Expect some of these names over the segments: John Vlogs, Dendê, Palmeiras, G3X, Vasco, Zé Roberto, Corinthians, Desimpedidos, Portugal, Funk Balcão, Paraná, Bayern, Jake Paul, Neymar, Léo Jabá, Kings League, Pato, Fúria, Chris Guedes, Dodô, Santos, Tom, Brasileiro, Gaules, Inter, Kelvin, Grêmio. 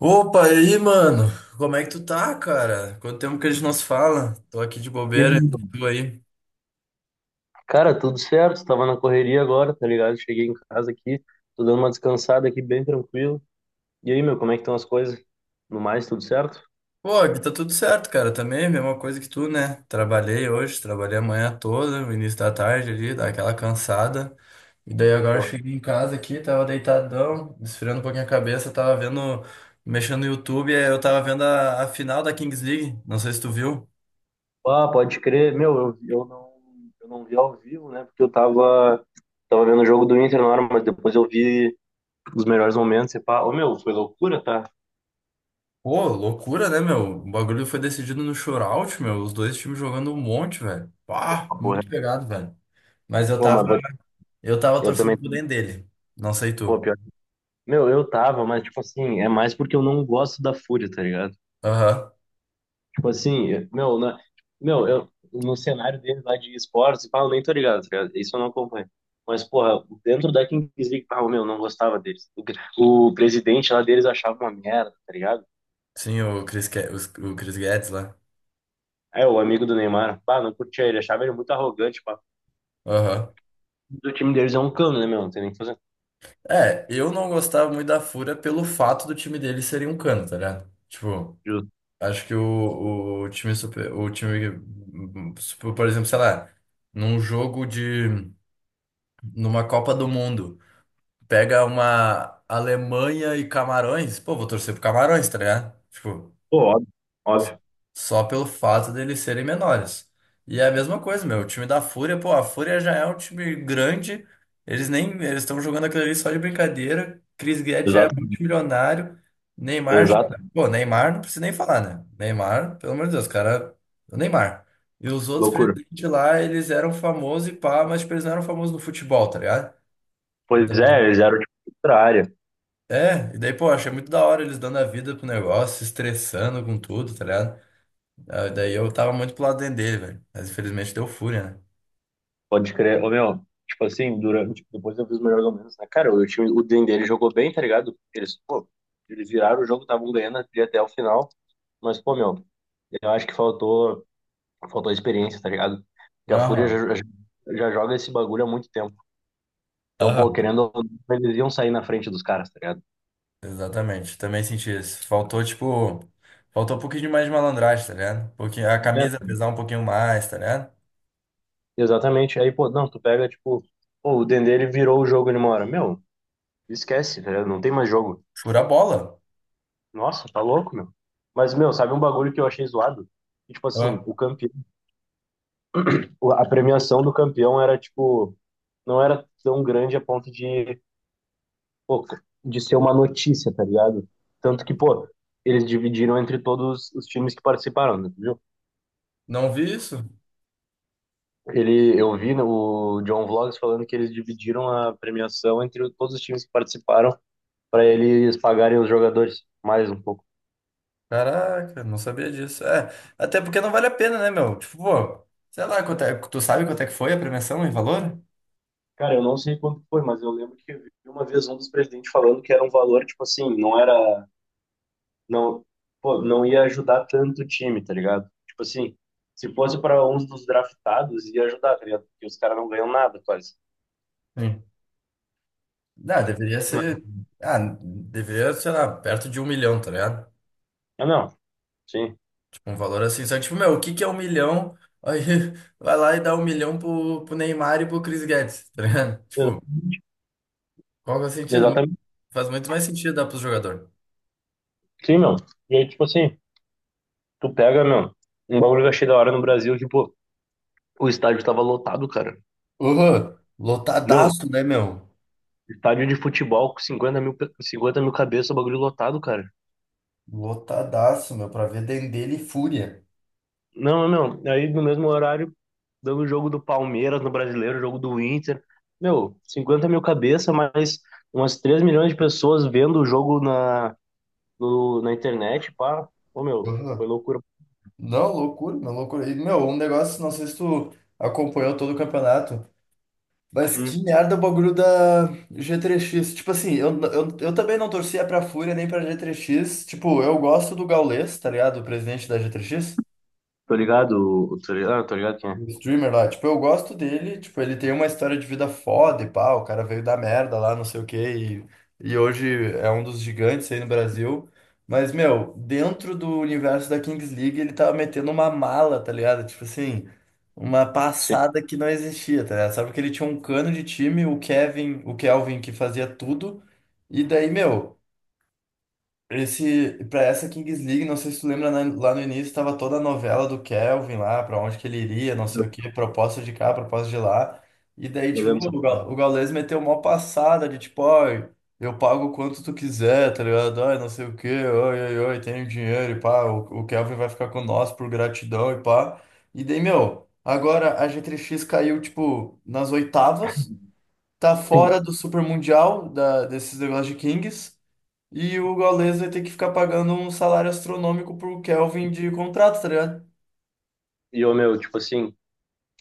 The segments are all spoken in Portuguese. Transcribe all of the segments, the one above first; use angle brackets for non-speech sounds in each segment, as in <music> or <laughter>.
Opa, e aí, mano? Como é que tu tá, cara? Quanto tempo que a gente não se fala? Tô aqui de E aí, bobeira, e mano? tu aí? Cara, tudo certo, tava na correria agora, tá ligado? Cheguei em casa aqui, tô dando uma descansada aqui, bem tranquilo. E aí, meu, como é que estão as coisas? No mais, tudo certo? Pô, aqui tá tudo certo, cara. Também, mesma coisa que tu, né? Trabalhei hoje, trabalhei a manhã toda, no início da tarde ali, dá aquela cansada. E daí agora eu Pô. cheguei em casa aqui, tava deitadão, esfriando um pouquinho a cabeça, tava vendo, mexendo no YouTube, e aí eu tava vendo a final da Kings League. Não sei se tu viu. Ah, pode crer, meu, eu não vi ao vivo, né? Porque eu tava vendo o jogo do Inter na hora, mas depois eu vi os melhores momentos e pá, ô meu, foi loucura, tá? Pô, loucura, né, meu? O bagulho foi decidido no shootout, meu. Os dois times jogando um monte, velho. Pá, Ah, porra. muito pegado, velho. Mas eu Pô, tava, mas eu tava eu também, torcendo pro Dendê dele. Não sei pô, tu. pior. Meu, eu tava, mas tipo assim, é mais porque eu não gosto da Fúria, tá ligado? Aham. Tipo assim, meu, no cenário deles lá de esportes, pá, eu nem tô ligado, tá ligado? Isso eu não acompanho. Mas, porra, dentro da Kings League, pá, meu, não gostava deles. O presidente lá deles achava uma merda, tá ligado? Sim, o Chris Guedes lá. É, o amigo do Neymar, pá, não curtia ele, achava ele muito arrogante, pá. Aham. O time deles é um cano, né, meu? Não tem nem o que fazer. É, eu não gostava muito da Fúria pelo fato do time dele serem um cano, tá ligado? Tipo, Justo. acho que o o time, por exemplo, sei lá, num jogo de, numa Copa do Mundo. Pega uma Alemanha e Camarões, pô, vou torcer pro Camarões, tá ligado? Tipo, Pô, óbvio, óbvio. só pelo fato deles serem menores. E é a mesma coisa, meu, o time da Fúria, pô, a Fúria já é um time grande, eles nem, eles estão jogando aquilo ali só de brincadeira, Chris Guedes já é Exato, multimilionário, Neymar, já, exato. pô, Neymar não precisa nem falar, né? Neymar, pelo amor de Deus, cara, o Neymar. E os outros Loucura. presidentes lá, eles eram famosos e pá, mas tipo, eles não eram famosos no futebol, tá ligado? Pois Então, é, eles eram, tipo, outra área. é, e daí, pô, achei muito da hora eles dando a vida pro negócio, se estressando com tudo, tá ligado? Ah, daí eu tava muito pro lado dele, velho. Mas infelizmente deu fúria, né? Pode crer. Ô, meu, tipo assim, durante, depois eu vi os melhores momentos, né? Cara, o time, o Dendê, ele jogou bem, tá ligado? Eles viraram o jogo, estavam ganhando ali até o final. Mas, pô, meu, eu acho que faltou experiência, tá ligado? Porque a Fúria Aham. já joga esse bagulho há muito tempo. Então, pô, Aham. querendo, ou não, eles iam sair na frente dos caras, tá ligado? Exatamente. Também senti isso. Faltou, tipo. Faltou um pouquinho mais de malandragem, tá ligado? Porque a camisa É, pesar um pouquinho mais, tá ligado? exatamente. Aí, pô, não, tu pega, tipo, pô, o Dendê, ele virou o jogo, ele mora. Meu, esquece, tá ligado? Não tem mais jogo. Fura a bola. Nossa, tá louco, meu. Mas, meu, sabe um bagulho que eu achei zoado? Que, tipo Ó, assim, o campeão, a premiação do campeão era, tipo, não era tão grande a ponto de, pô, de ser uma notícia, tá ligado? Tanto que, pô, eles dividiram entre todos os times que participaram, né, tu viu? não vi isso? Eu vi o John Vlogs falando que eles dividiram a premiação entre todos os times que participaram para eles pagarem os jogadores mais um pouco. Caraca, não sabia disso. É, até porque não vale a pena, né, meu? Tipo, pô, sei lá, tu sabe quanto é que foi a premiação em valor? Cara, eu não sei quanto foi, mas eu lembro que eu vi uma vez um dos presidentes falando que era um valor, tipo assim, não era, não, pô, não ia ajudar tanto o time, tá ligado? Tipo assim, se fosse para uns dos draftados, ia ajudar, tá ligado? Porque os caras não ganham nada quase. Sim. Ah, deveria Mas- ser. Ah, deveria, sei lá, perto de 1 milhão, tá ligado? Ah, não, sim, Tipo, um valor assim. Só que, tipo, meu, o que que é 1 milhão? Aí <laughs> vai lá e dá 1 milhão pro Neymar e pro Chris Guedes, tá ligado? <laughs> Tipo, Ex- qual que é o sentido? Exatamente, Faz muito mais sentido dar pro jogador. sim, meu. E aí, tipo assim, tu pega, meu, um bagulho que eu achei da hora no Brasil, que, pô, o estádio tava lotado, cara. Uhum. Meu, Lotadaço, né, meu? estádio de futebol com 50 mil cabeças, o bagulho lotado, cara. Lotadaço, meu, pra ver Dendele e Fúria. Não, não, não. Aí no mesmo horário, dando o jogo do Palmeiras no Brasileiro, o jogo do Inter. Meu, 50 mil cabeça, mas umas 3 milhões de pessoas vendo o jogo na, no- na internet, pá. Ô, meu, foi Uhum. loucura. Não, loucura, meu, loucura. E, meu, um negócio, não sei se tu acompanhou todo o campeonato. Mas Hum, que merda o bagulho da G3X. Tipo assim, eu também não torcia pra Fúria nem pra G3X. Tipo, eu gosto do Gaules, tá ligado? O presidente da G3X. tô ligado, tô ligado, ah, tô ligado quem é. O streamer lá, tipo, eu gosto dele, tipo, ele tem uma história de vida foda e pá, o cara veio da merda lá, não sei o quê, e hoje é um dos gigantes aí no Brasil. Mas, meu, dentro do universo da Kings League, ele tava metendo uma mala, tá ligado? Tipo assim, uma Sim, passada que não existia, tá ligado? Sabe porque ele tinha um cano de time, o Kelvin que fazia tudo, e daí, meu. Esse, pra essa Kings League, não sei se tu lembra, né, lá no início estava toda a novela do Kelvin lá, pra onde que ele iria, não eu sei o quê, proposta de cá, proposta de lá. E daí, eu tipo, lembro, só. O Gaules meteu uma passada de tipo, ó, eu pago quanto tu quiser, tá ligado? Ai, não sei o quê, oi, oi, oi, tenho dinheiro e pá, o Kelvin vai ficar com nós por gratidão e pá. E daí, meu, agora a G3X caiu, tipo, nas oitavas, tá fora Sim. do Super Mundial da, desses negócios de Kings. E o Gaules vai ter que ficar pagando um salário astronômico pro Kelvin de contrato, tá ligado? E, ô, meu, tipo assim,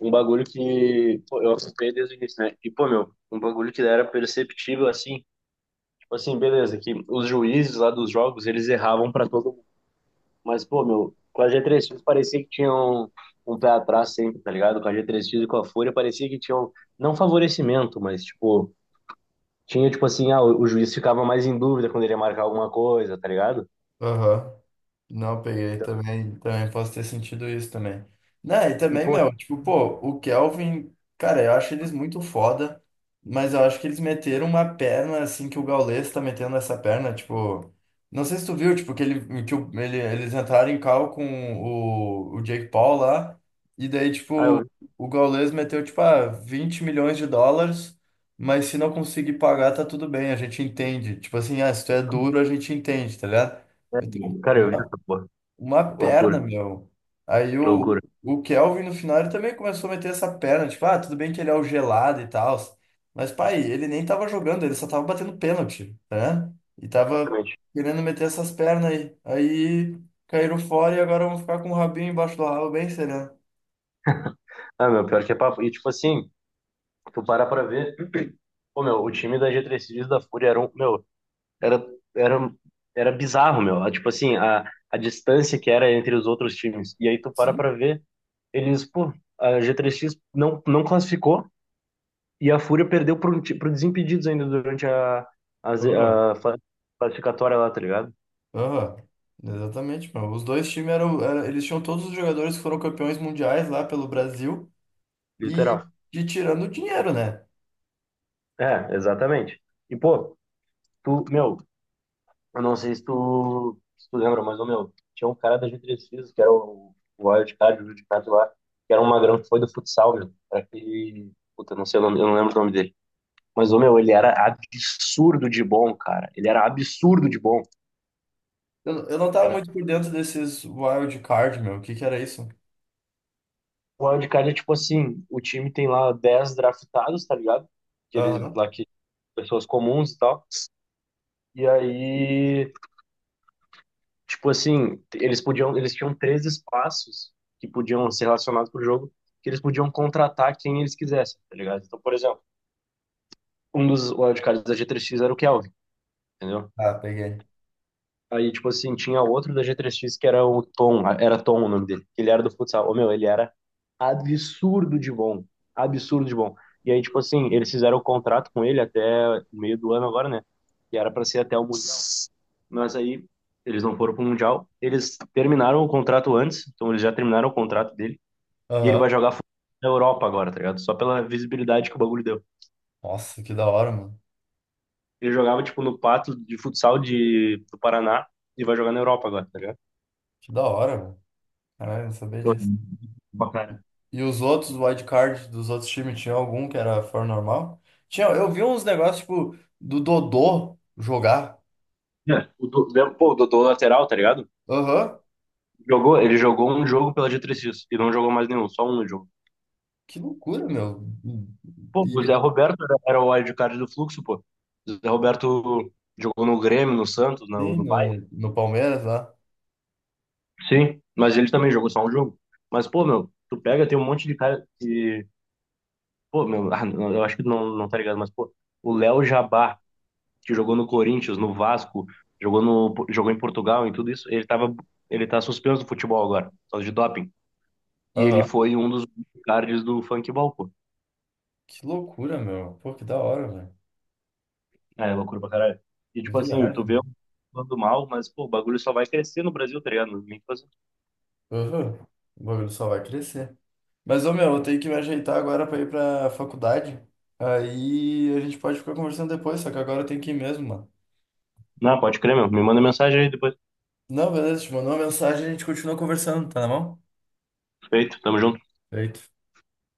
um bagulho que pô, eu acompanhei desde o início, né? E, pô, meu, um bagulho que era perceptível, assim, tipo assim, beleza, que os juízes lá dos jogos, eles erravam pra todo. Mas, pô, meu, com a G três X parecia que tinha um pé atrás sempre, tá ligado? Com a G três X e com a Fúria parecia que tinha um, não favorecimento, mas, tipo, tinha, tipo assim, ah, o juiz ficava mais em dúvida quando ele ia marcar alguma coisa, tá ligado? Aham. Não, peguei também, também posso ter sentido isso também. Né, e E, também, pô, meu, tipo, pô, o Kelvin, cara, eu acho eles muito foda, mas eu acho que eles meteram uma perna assim que o Gaules tá metendo essa perna, tipo, não sei se tu viu, tipo, que ele, que o- ele, eles entraram em cal com o Jake Paul lá, e daí, ah, eu tipo, vi, o Gaules meteu, tipo, ah, 20 milhões de dólares, mas se não conseguir pagar, tá tudo bem, a gente entende. Tipo assim, ah, se tu é duro, a gente entende, tá ligado? é, Meteu cara, eu vi essa porra. uma Loucura, perna, meu. Aí que o, loucura. o Kelvin no final ele também começou a meter essa perna, tipo, ah, tudo bem que ele é o gelado e tal. Mas, pai, ele nem tava jogando, ele só tava batendo pênalti, né? E tava Realmente. querendo meter essas pernas aí. Aí caíram fora e agora vão ficar com o rabinho embaixo do rabo bem sereno. Ah, meu, pior que é papo. E, tipo assim, tu para pra ver, <clears throat> pô, meu, o time da G três X e da Fúria era um, meu. Era, era, era bizarro, meu. Ah, tipo assim, a distância que era entre os outros times. E aí tu para Sim. pra ver, eles, pô, a G3X não classificou e a Fúria perdeu pro Desimpedidos ainda durante a, a, Z- Aham, a fa- classificatória lá, tá ligado? aham. Exatamente, meu. Os dois times eles tinham todos os jogadores que foram campeões mundiais lá pelo Brasil e Literal. de tirando o dinheiro, né? É, exatamente. E, pô, tu, meu, eu não sei se tu lembra, mas, ô, meu, tinha um cara da G3X, que era o Wild Card, o Wild Card lá, que era um magrão que foi do futsal, meu. Era aquele. Puta, não sei o nome, eu não lembro o nome dele. Mas, ô, meu, ele era absurdo de bom, cara. Ele era absurdo de bom. Eu não tava Era... muito por dentro desses wild card, meu. O que que era isso? O Wild Card é tipo assim: o time tem lá 10 draftados, tá ligado? Aqueles Aham. lá que. Pessoas comuns e tal. E aí, tipo assim, eles tinham três espaços que podiam ser relacionados pro jogo, que eles podiam contratar quem eles quisessem, tá ligado? Então, por exemplo, um dos wildcards da G3X era o Kelvin, entendeu? Ah, peguei. Aí, tipo assim, tinha outro da G3X que era o Tom, era Tom o nome dele. Ele era do futsal. Ô, meu, ele era absurdo de bom. Absurdo de bom. E aí, tipo assim, eles fizeram o contrato com ele até meio do ano agora, né? Que era pra ser até o Mundial. Mas aí, eles não foram pro Mundial. Eles terminaram o contrato antes, então eles já terminaram o contrato dele. E ele Aham. vai jogar futsal na Europa agora, tá ligado? Só pela visibilidade que o bagulho deu. Nossa, que da hora, mano. Ele jogava, tipo, no Pato de futsal do Paraná e vai jogar na Europa agora, tá ligado? Que da hora, mano. Caralho, eu não sabia Pô, disso. pra cara. E os outros wild card dos outros times, tinha algum que era fora normal? Tinha, eu vi uns negócios, tipo, do Dodô jogar. É, pô, o Dodô lateral, tá ligado? Aham. Ele jogou um jogo pela diretriz e não jogou mais nenhum, só um no jogo. Que loucura, meu. Pô, E o Zé ele Roberto era o wildcard do Fluxo, pô. O Zé Roberto jogou no Grêmio, no Santos, no, tem no Bayern. no Palmeiras lá. Sim, mas ele também jogou só um jogo. Mas, pô, meu, tu pega, tem um monte de cara que. Pô, meu, ah, não, eu acho que não, não tá ligado, mas, pô, o Léo Jabá, que jogou no Corinthians, no Vasco, jogou, no, jogou em Portugal, em tudo isso, ele tá suspenso do futebol agora, por causa de doping. E ele Aham. foi um dos cards do Funk Balcão. Que loucura, meu. Pô, que da hora, velho. É, loucura pra caralho. E Que tipo assim, viagem, tu vê um mano. falando mal, mas pô, o bagulho só vai crescer no Brasil, tá ligado? Nem fazer. Aham. O bagulho só vai crescer. Mas, ô meu, eu tenho que me ajeitar agora pra ir pra faculdade. Aí a gente pode ficar conversando depois, só que agora eu tenho que ir mesmo, mano. Não, pode crer, meu. Me manda mensagem aí depois. Não, beleza, te mandou uma mensagem e a gente continua conversando, tá na mão? Feito, tamo junto. Feito.